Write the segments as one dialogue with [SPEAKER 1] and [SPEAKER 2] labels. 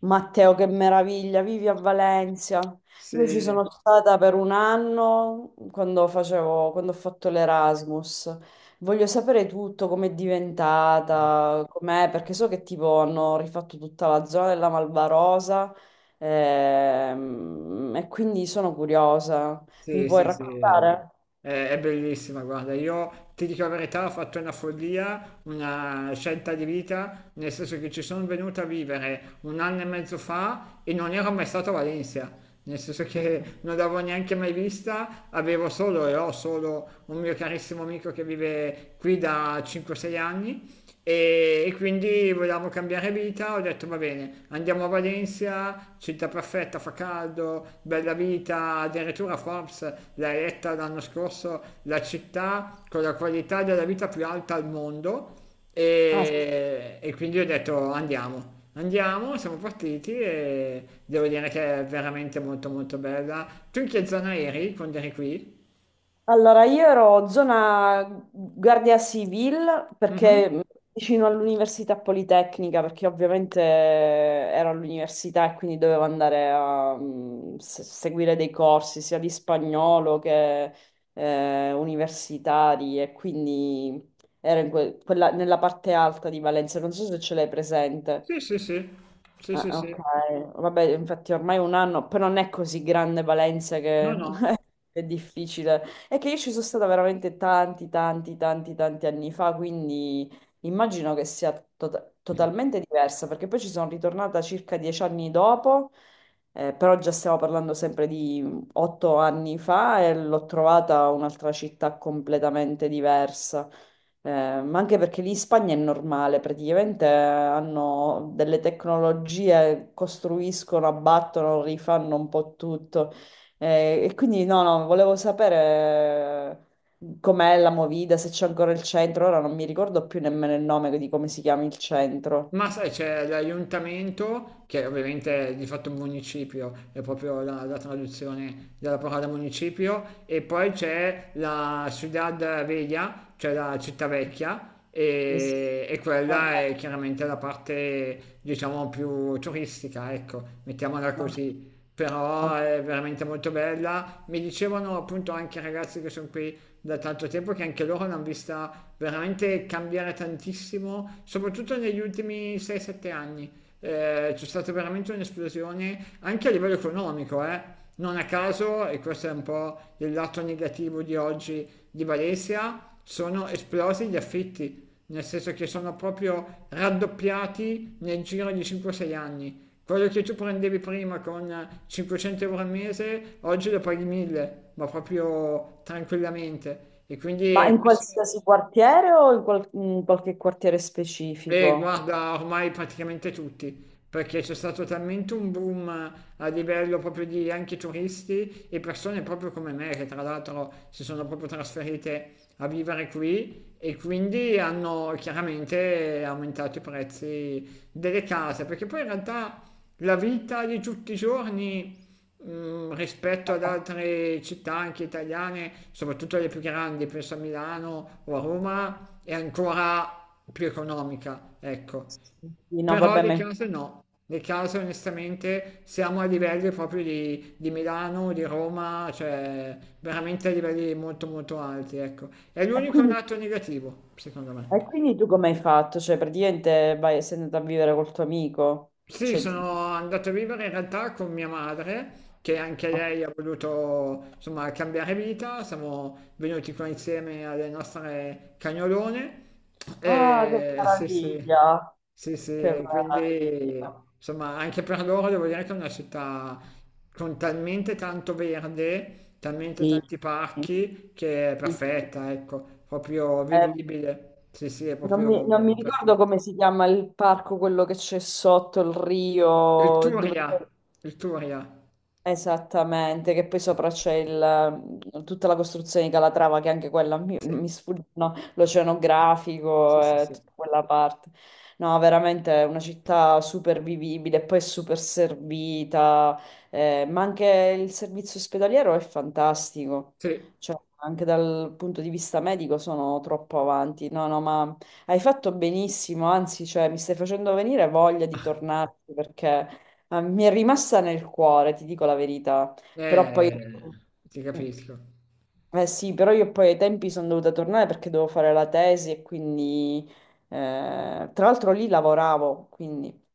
[SPEAKER 1] Matteo, che meraviglia, vivi a Valencia. Io ci
[SPEAKER 2] Sì,
[SPEAKER 1] sono stata per un anno quando quando ho fatto l'Erasmus. Voglio sapere tutto, com'è diventata, com'è, perché so che tipo hanno rifatto tutta la zona della Malvarosa, e quindi sono curiosa. Mi
[SPEAKER 2] sì,
[SPEAKER 1] puoi
[SPEAKER 2] sì, sì, è,
[SPEAKER 1] raccontare?
[SPEAKER 2] è bellissima, guarda, io ti dico la verità, ho fatto una follia, una scelta di vita, nel senso che ci sono venuta a vivere un anno e mezzo fa e non ero mai stato a Valencia, nel senso che non l'avevo neanche mai vista, avevo solo e ho solo un mio carissimo amico che vive qui da 5-6 anni. E quindi volevamo cambiare vita, ho detto va bene, andiamo a Valencia, città perfetta, fa caldo, bella vita, addirittura Forbes l'ha eletta l'anno scorso la città con la qualità della vita più alta al mondo.
[SPEAKER 1] Ah,
[SPEAKER 2] E quindi ho detto andiamo. Andiamo, siamo partiti e devo dire che è veramente molto molto bella. Tu in che zona eri quando eri qui?
[SPEAKER 1] allora, io ero zona Guardia Civil perché
[SPEAKER 2] Mhm.
[SPEAKER 1] mh, vicino all'Università Politecnica, perché ovviamente ero all'università e quindi dovevo andare a seguire dei corsi sia di spagnolo che universitari e quindi ero nella parte alta di Valencia, non so se ce l'hai presente.
[SPEAKER 2] Sì, sì, sì, sì,
[SPEAKER 1] Ah,
[SPEAKER 2] sì, sì.
[SPEAKER 1] ok, vabbè, infatti ormai un anno, però non è così grande Valencia che
[SPEAKER 2] No, no.
[SPEAKER 1] è difficile. È che io ci sono stata veramente tanti, tanti, tanti, tanti anni fa, quindi immagino che sia totalmente diversa, perché poi ci sono ritornata circa 10 anni dopo, però già stiamo parlando sempre di 8 anni fa e l'ho trovata un'altra città completamente diversa. Eh, ma anche perché lì in Spagna è normale, praticamente hanno delle tecnologie, costruiscono, abbattono, rifanno un po' tutto. E quindi no, no, volevo sapere com'è la Movida, se c'è ancora il centro. Ora non mi ricordo più nemmeno il nome di come si chiama il centro.
[SPEAKER 2] Ma sai, c'è l'aiuntamento, che ovviamente è di fatto un municipio, è proprio la traduzione della parola municipio, e poi c'è la Ciudad Vella, cioè la città vecchia,
[SPEAKER 1] Sì, sì.
[SPEAKER 2] e
[SPEAKER 1] Vabbè,
[SPEAKER 2] quella è chiaramente la parte, diciamo, più turistica, ecco, mettiamola
[SPEAKER 1] no,
[SPEAKER 2] così, però
[SPEAKER 1] no.
[SPEAKER 2] è veramente molto bella. Mi dicevano appunto anche i ragazzi che sono qui da tanto tempo che anche loro l'hanno vista veramente cambiare tantissimo, soprattutto negli ultimi 6-7 anni. C'è stata veramente un'esplosione anche a livello economico, eh. Non a caso, e questo è un po' il lato negativo di oggi di Valencia, sono esplosi gli affitti, nel senso che sono proprio raddoppiati nel giro di 5-6 anni. Quello che tu prendevi prima con 500 euro al mese, oggi lo paghi 1000, ma proprio tranquillamente. E
[SPEAKER 1] Ma
[SPEAKER 2] quindi
[SPEAKER 1] in
[SPEAKER 2] questo.
[SPEAKER 1] qualsiasi quartiere o in qualche quartiere
[SPEAKER 2] E
[SPEAKER 1] specifico?
[SPEAKER 2] guarda, ormai praticamente tutti, perché c'è stato talmente un boom a livello proprio di anche turisti e persone proprio come me, che tra l'altro si sono proprio trasferite a vivere qui e quindi hanno chiaramente aumentato i prezzi delle case, perché poi in realtà la vita di tutti i giorni, mm, rispetto ad
[SPEAKER 1] Vabbè,
[SPEAKER 2] altre città anche italiane, soprattutto le più grandi, penso a Milano o a Roma, è ancora più economica, ecco.
[SPEAKER 1] sì. No,
[SPEAKER 2] Però
[SPEAKER 1] vabbè,
[SPEAKER 2] le
[SPEAKER 1] ma...
[SPEAKER 2] case no, le case onestamente siamo a livelli proprio di, Milano, di Roma, cioè veramente a livelli molto molto alti, ecco. È
[SPEAKER 1] E
[SPEAKER 2] l'unico
[SPEAKER 1] quindi
[SPEAKER 2] lato negativo, secondo me.
[SPEAKER 1] E quindi tu come hai fatto? Cioè, praticamente vai, sei andata a vivere col tuo amico?
[SPEAKER 2] Sì,
[SPEAKER 1] Cioè,
[SPEAKER 2] sono andato a vivere in realtà con mia madre, che anche lei ha voluto insomma cambiare vita. Siamo venuti qua insieme alle nostre cagnolone.
[SPEAKER 1] ah, che
[SPEAKER 2] E sì, sì,
[SPEAKER 1] meraviglia!
[SPEAKER 2] sì, sì,
[SPEAKER 1] Che
[SPEAKER 2] e
[SPEAKER 1] meraviglia!
[SPEAKER 2] quindi insomma anche per loro devo dire che è una città con talmente tanto verde, talmente
[SPEAKER 1] Sì,
[SPEAKER 2] tanti
[SPEAKER 1] sì,
[SPEAKER 2] parchi, che è
[SPEAKER 1] sì.
[SPEAKER 2] perfetta, ecco, proprio
[SPEAKER 1] Eh,
[SPEAKER 2] vivibile. Sì, sì, è proprio
[SPEAKER 1] non mi ricordo
[SPEAKER 2] perfetta.
[SPEAKER 1] come si chiama il parco, quello che c'è sotto il
[SPEAKER 2] Il
[SPEAKER 1] rio, dove
[SPEAKER 2] Turia, il Turia.
[SPEAKER 1] esattamente, che poi sopra c'è il, tutta la costruzione di Calatrava, che anche
[SPEAKER 2] Sì,
[SPEAKER 1] mi sfuggono,
[SPEAKER 2] sì,
[SPEAKER 1] l'oceanografico,
[SPEAKER 2] sì, sì.
[SPEAKER 1] tutta quella parte. No, veramente è una città super vivibile, poi è super servita, ma anche il servizio ospedaliero è fantastico,
[SPEAKER 2] Sì,
[SPEAKER 1] cioè anche dal punto di vista medico sono troppo avanti. No, no, ma hai fatto benissimo, anzi, cioè, mi stai facendo venire voglia di tornarci perché... Ah, mi è rimasta nel cuore, ti dico la verità, però poi...
[SPEAKER 2] eh, ti capisco.
[SPEAKER 1] Eh sì, però io poi ai tempi sono dovuta tornare perché dovevo fare la tesi e quindi... Eh, tra l'altro lì lavoravo, quindi...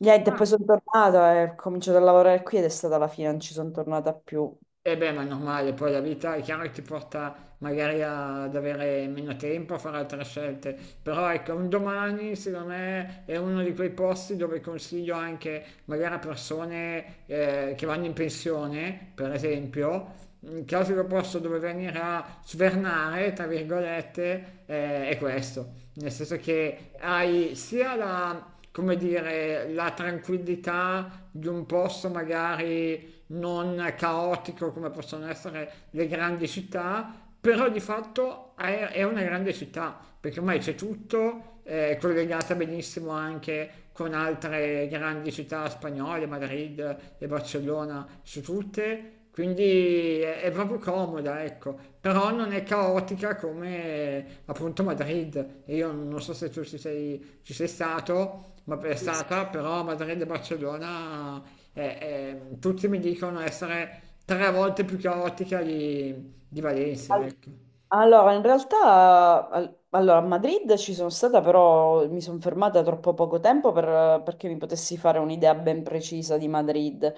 [SPEAKER 1] Niente, poi
[SPEAKER 2] Ah.
[SPEAKER 1] sono tornata e ho cominciato a lavorare qui ed è stata la fine, non ci sono tornata più.
[SPEAKER 2] E beh, ma è normale, poi la vita è chiaro che ti porta magari ad avere meno tempo, a fare altre scelte, però ecco, un domani secondo me è uno di quei posti dove consiglio anche magari a persone che vanno in pensione, per esempio, un classico posto dove venire a svernare, tra virgolette, è questo, nel senso che hai sia la, come dire, la tranquillità di un posto magari non caotico come possono essere le grandi città, però di fatto è, una grande città, perché ormai c'è tutto, è collegata benissimo anche con altre grandi città spagnole, Madrid e Barcellona su tutte, quindi è proprio comoda, ecco, però non è caotica come appunto Madrid. E io non so se tu ci sei stato, ma è stata, però Madrid e Barcellona eh, tutti mi dicono essere tre volte più caotica di Valencia, ecco.
[SPEAKER 1] Allora, in realtà, allora, a Madrid ci sono stata, però mi sono fermata troppo poco tempo perché mi potessi fare un'idea ben precisa di Madrid.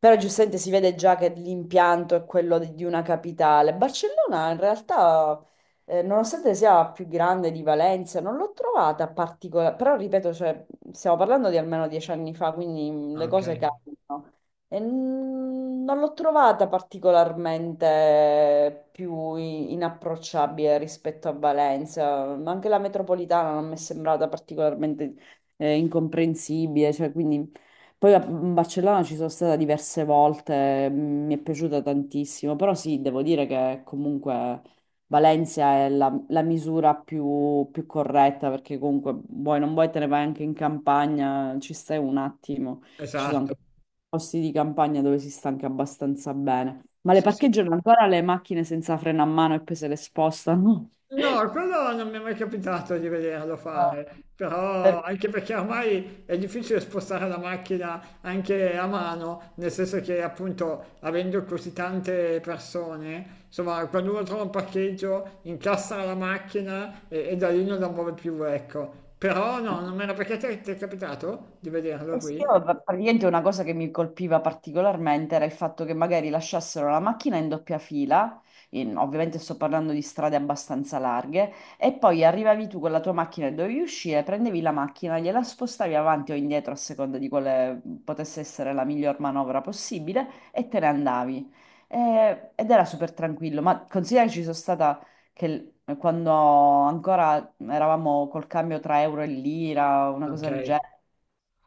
[SPEAKER 1] Però giustamente si vede già che l'impianto è quello di una capitale. Barcellona, in realtà, nonostante sia più grande di Valencia, non l'ho trovata particolare. Però, ripeto, cioè, stiamo parlando di almeno 10 anni fa, quindi
[SPEAKER 2] Ah,
[SPEAKER 1] le
[SPEAKER 2] ok,
[SPEAKER 1] cose cambiano. Non l'ho trovata particolarmente più inapprocciabile rispetto a Valencia, ma anche la metropolitana non mi è sembrata particolarmente incomprensibile, cioè, quindi... Poi a Barcellona ci sono stata diverse volte, mm, mi è piaciuta tantissimo, però sì, devo dire che comunque Valencia è la, la misura più, più corretta, perché comunque vuoi non vuoi te ne vai anche in campagna, ci stai un attimo, ci sono anche
[SPEAKER 2] esatto.
[SPEAKER 1] posti di campagna dove si sta anche abbastanza bene. Ma le
[SPEAKER 2] Sì, sì.
[SPEAKER 1] parcheggiano ancora le macchine senza freno a mano e poi se le spostano?
[SPEAKER 2] No, quello non mi è mai capitato di vederlo
[SPEAKER 1] Ah,
[SPEAKER 2] fare,
[SPEAKER 1] per-
[SPEAKER 2] però anche perché ormai è difficile spostare la macchina anche a mano, nel senso che appunto avendo così tante persone, insomma, quando uno trova un parcheggio, incassa la macchina e da lì non la muove più, ecco. Però no, non mi era perché ti è capitato di vederlo
[SPEAKER 1] e sì,
[SPEAKER 2] qui?
[SPEAKER 1] io, praticamente una cosa che mi colpiva particolarmente era il fatto che magari lasciassero la macchina in doppia fila, ovviamente sto parlando di strade abbastanza larghe, e poi arrivavi tu con la tua macchina e dovevi uscire, prendevi la macchina, gliela spostavi avanti o indietro a seconda di quale potesse essere la miglior manovra possibile e te ne andavi. Ed era super tranquillo, ma considera che ci sono stata quando ancora eravamo col cambio tra euro e lira, una
[SPEAKER 2] Ok,
[SPEAKER 1] cosa del genere.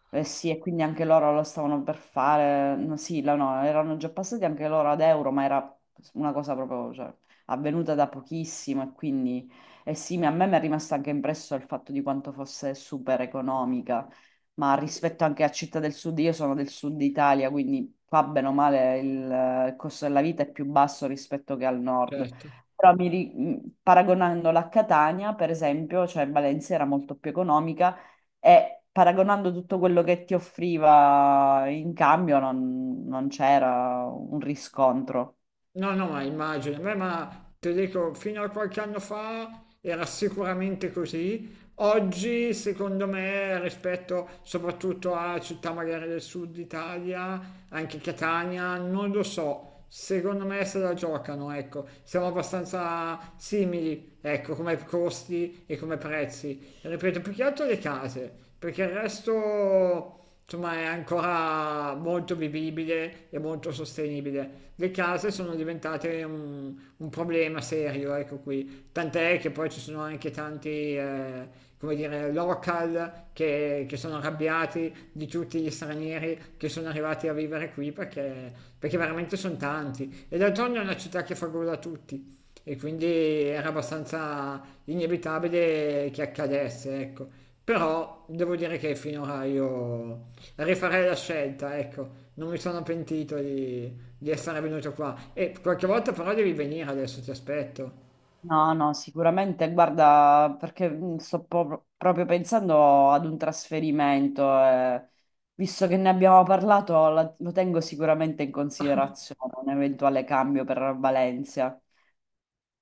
[SPEAKER 1] Eh sì, e quindi anche loro lo stavano per fare, no, sì, no, erano già passati anche loro ad euro, ma era una cosa proprio, cioè, avvenuta da pochissimo e quindi, eh sì, a me mi è rimasto anche impresso il fatto di quanto fosse super economica, ma rispetto anche a Città del Sud, io sono del Sud Italia, quindi qua bene o male il costo della vita è più basso rispetto che al Nord.
[SPEAKER 2] certo.
[SPEAKER 1] Però paragonandola a Catania, per esempio, cioè Valencia era molto più economica, e paragonando tutto quello che ti offriva in cambio, non c'era un riscontro.
[SPEAKER 2] No, no, ma immagino. Beh, ma ti dico, fino a qualche anno fa era sicuramente così. Oggi, secondo me, rispetto soprattutto a città magari del sud Italia, anche Catania, non lo so. Secondo me se la giocano, ecco, siamo abbastanza simili, ecco, come costi e come prezzi. Ripeto, più che altro le case, perché il resto insomma è ancora molto vivibile e molto sostenibile. Le case sono diventate un problema serio, ecco qui, tant'è che poi ci sono anche tanti, eh, come dire, local che sono arrabbiati di tutti gli stranieri che sono arrivati a vivere qui perché veramente sono tanti. E d'altronde è una città che fa gola a tutti. E quindi era abbastanza inevitabile che accadesse, ecco. Però devo dire che finora io rifarei la scelta, ecco. Non mi sono pentito di, essere venuto qua. E qualche volta però devi venire adesso, ti aspetto.
[SPEAKER 1] No, no, sicuramente, guarda, perché sto proprio pensando ad un trasferimento, visto che ne abbiamo parlato, lo tengo sicuramente in considerazione, un eventuale cambio per Valencia.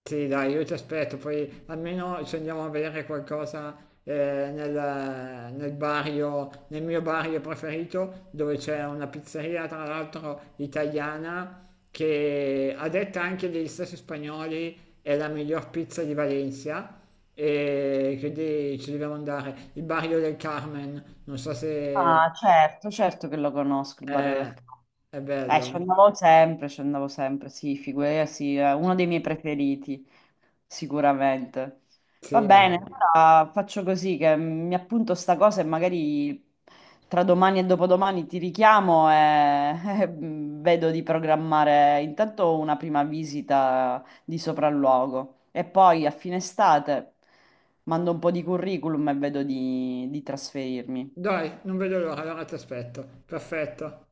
[SPEAKER 2] Sì, dai, io ti aspetto, poi almeno ci andiamo a bere qualcosa eh, nel, nel barrio, nel mio barrio preferito, dove c'è una pizzeria, tra l'altro italiana, che a detta anche degli stessi spagnoli è la miglior pizza di Valencia. E quindi ci dobbiamo andare. Il barrio del Carmen, non so se
[SPEAKER 1] Ah, certo, certo che lo conosco, il barrio del.
[SPEAKER 2] è, è, bello, eh?
[SPEAKER 1] Ci andavo sempre, sì, figurati, sì, è uno dei miei preferiti, sicuramente. Va
[SPEAKER 2] Sì.
[SPEAKER 1] bene, allora faccio così che mi appunto sta cosa e magari tra domani e dopodomani ti richiamo e, e vedo di programmare intanto una prima visita di sopralluogo e poi a fine estate mando un po' di curriculum e vedo di trasferirmi.
[SPEAKER 2] Dai, non vedo l'ora, allora ti aspetto. Perfetto.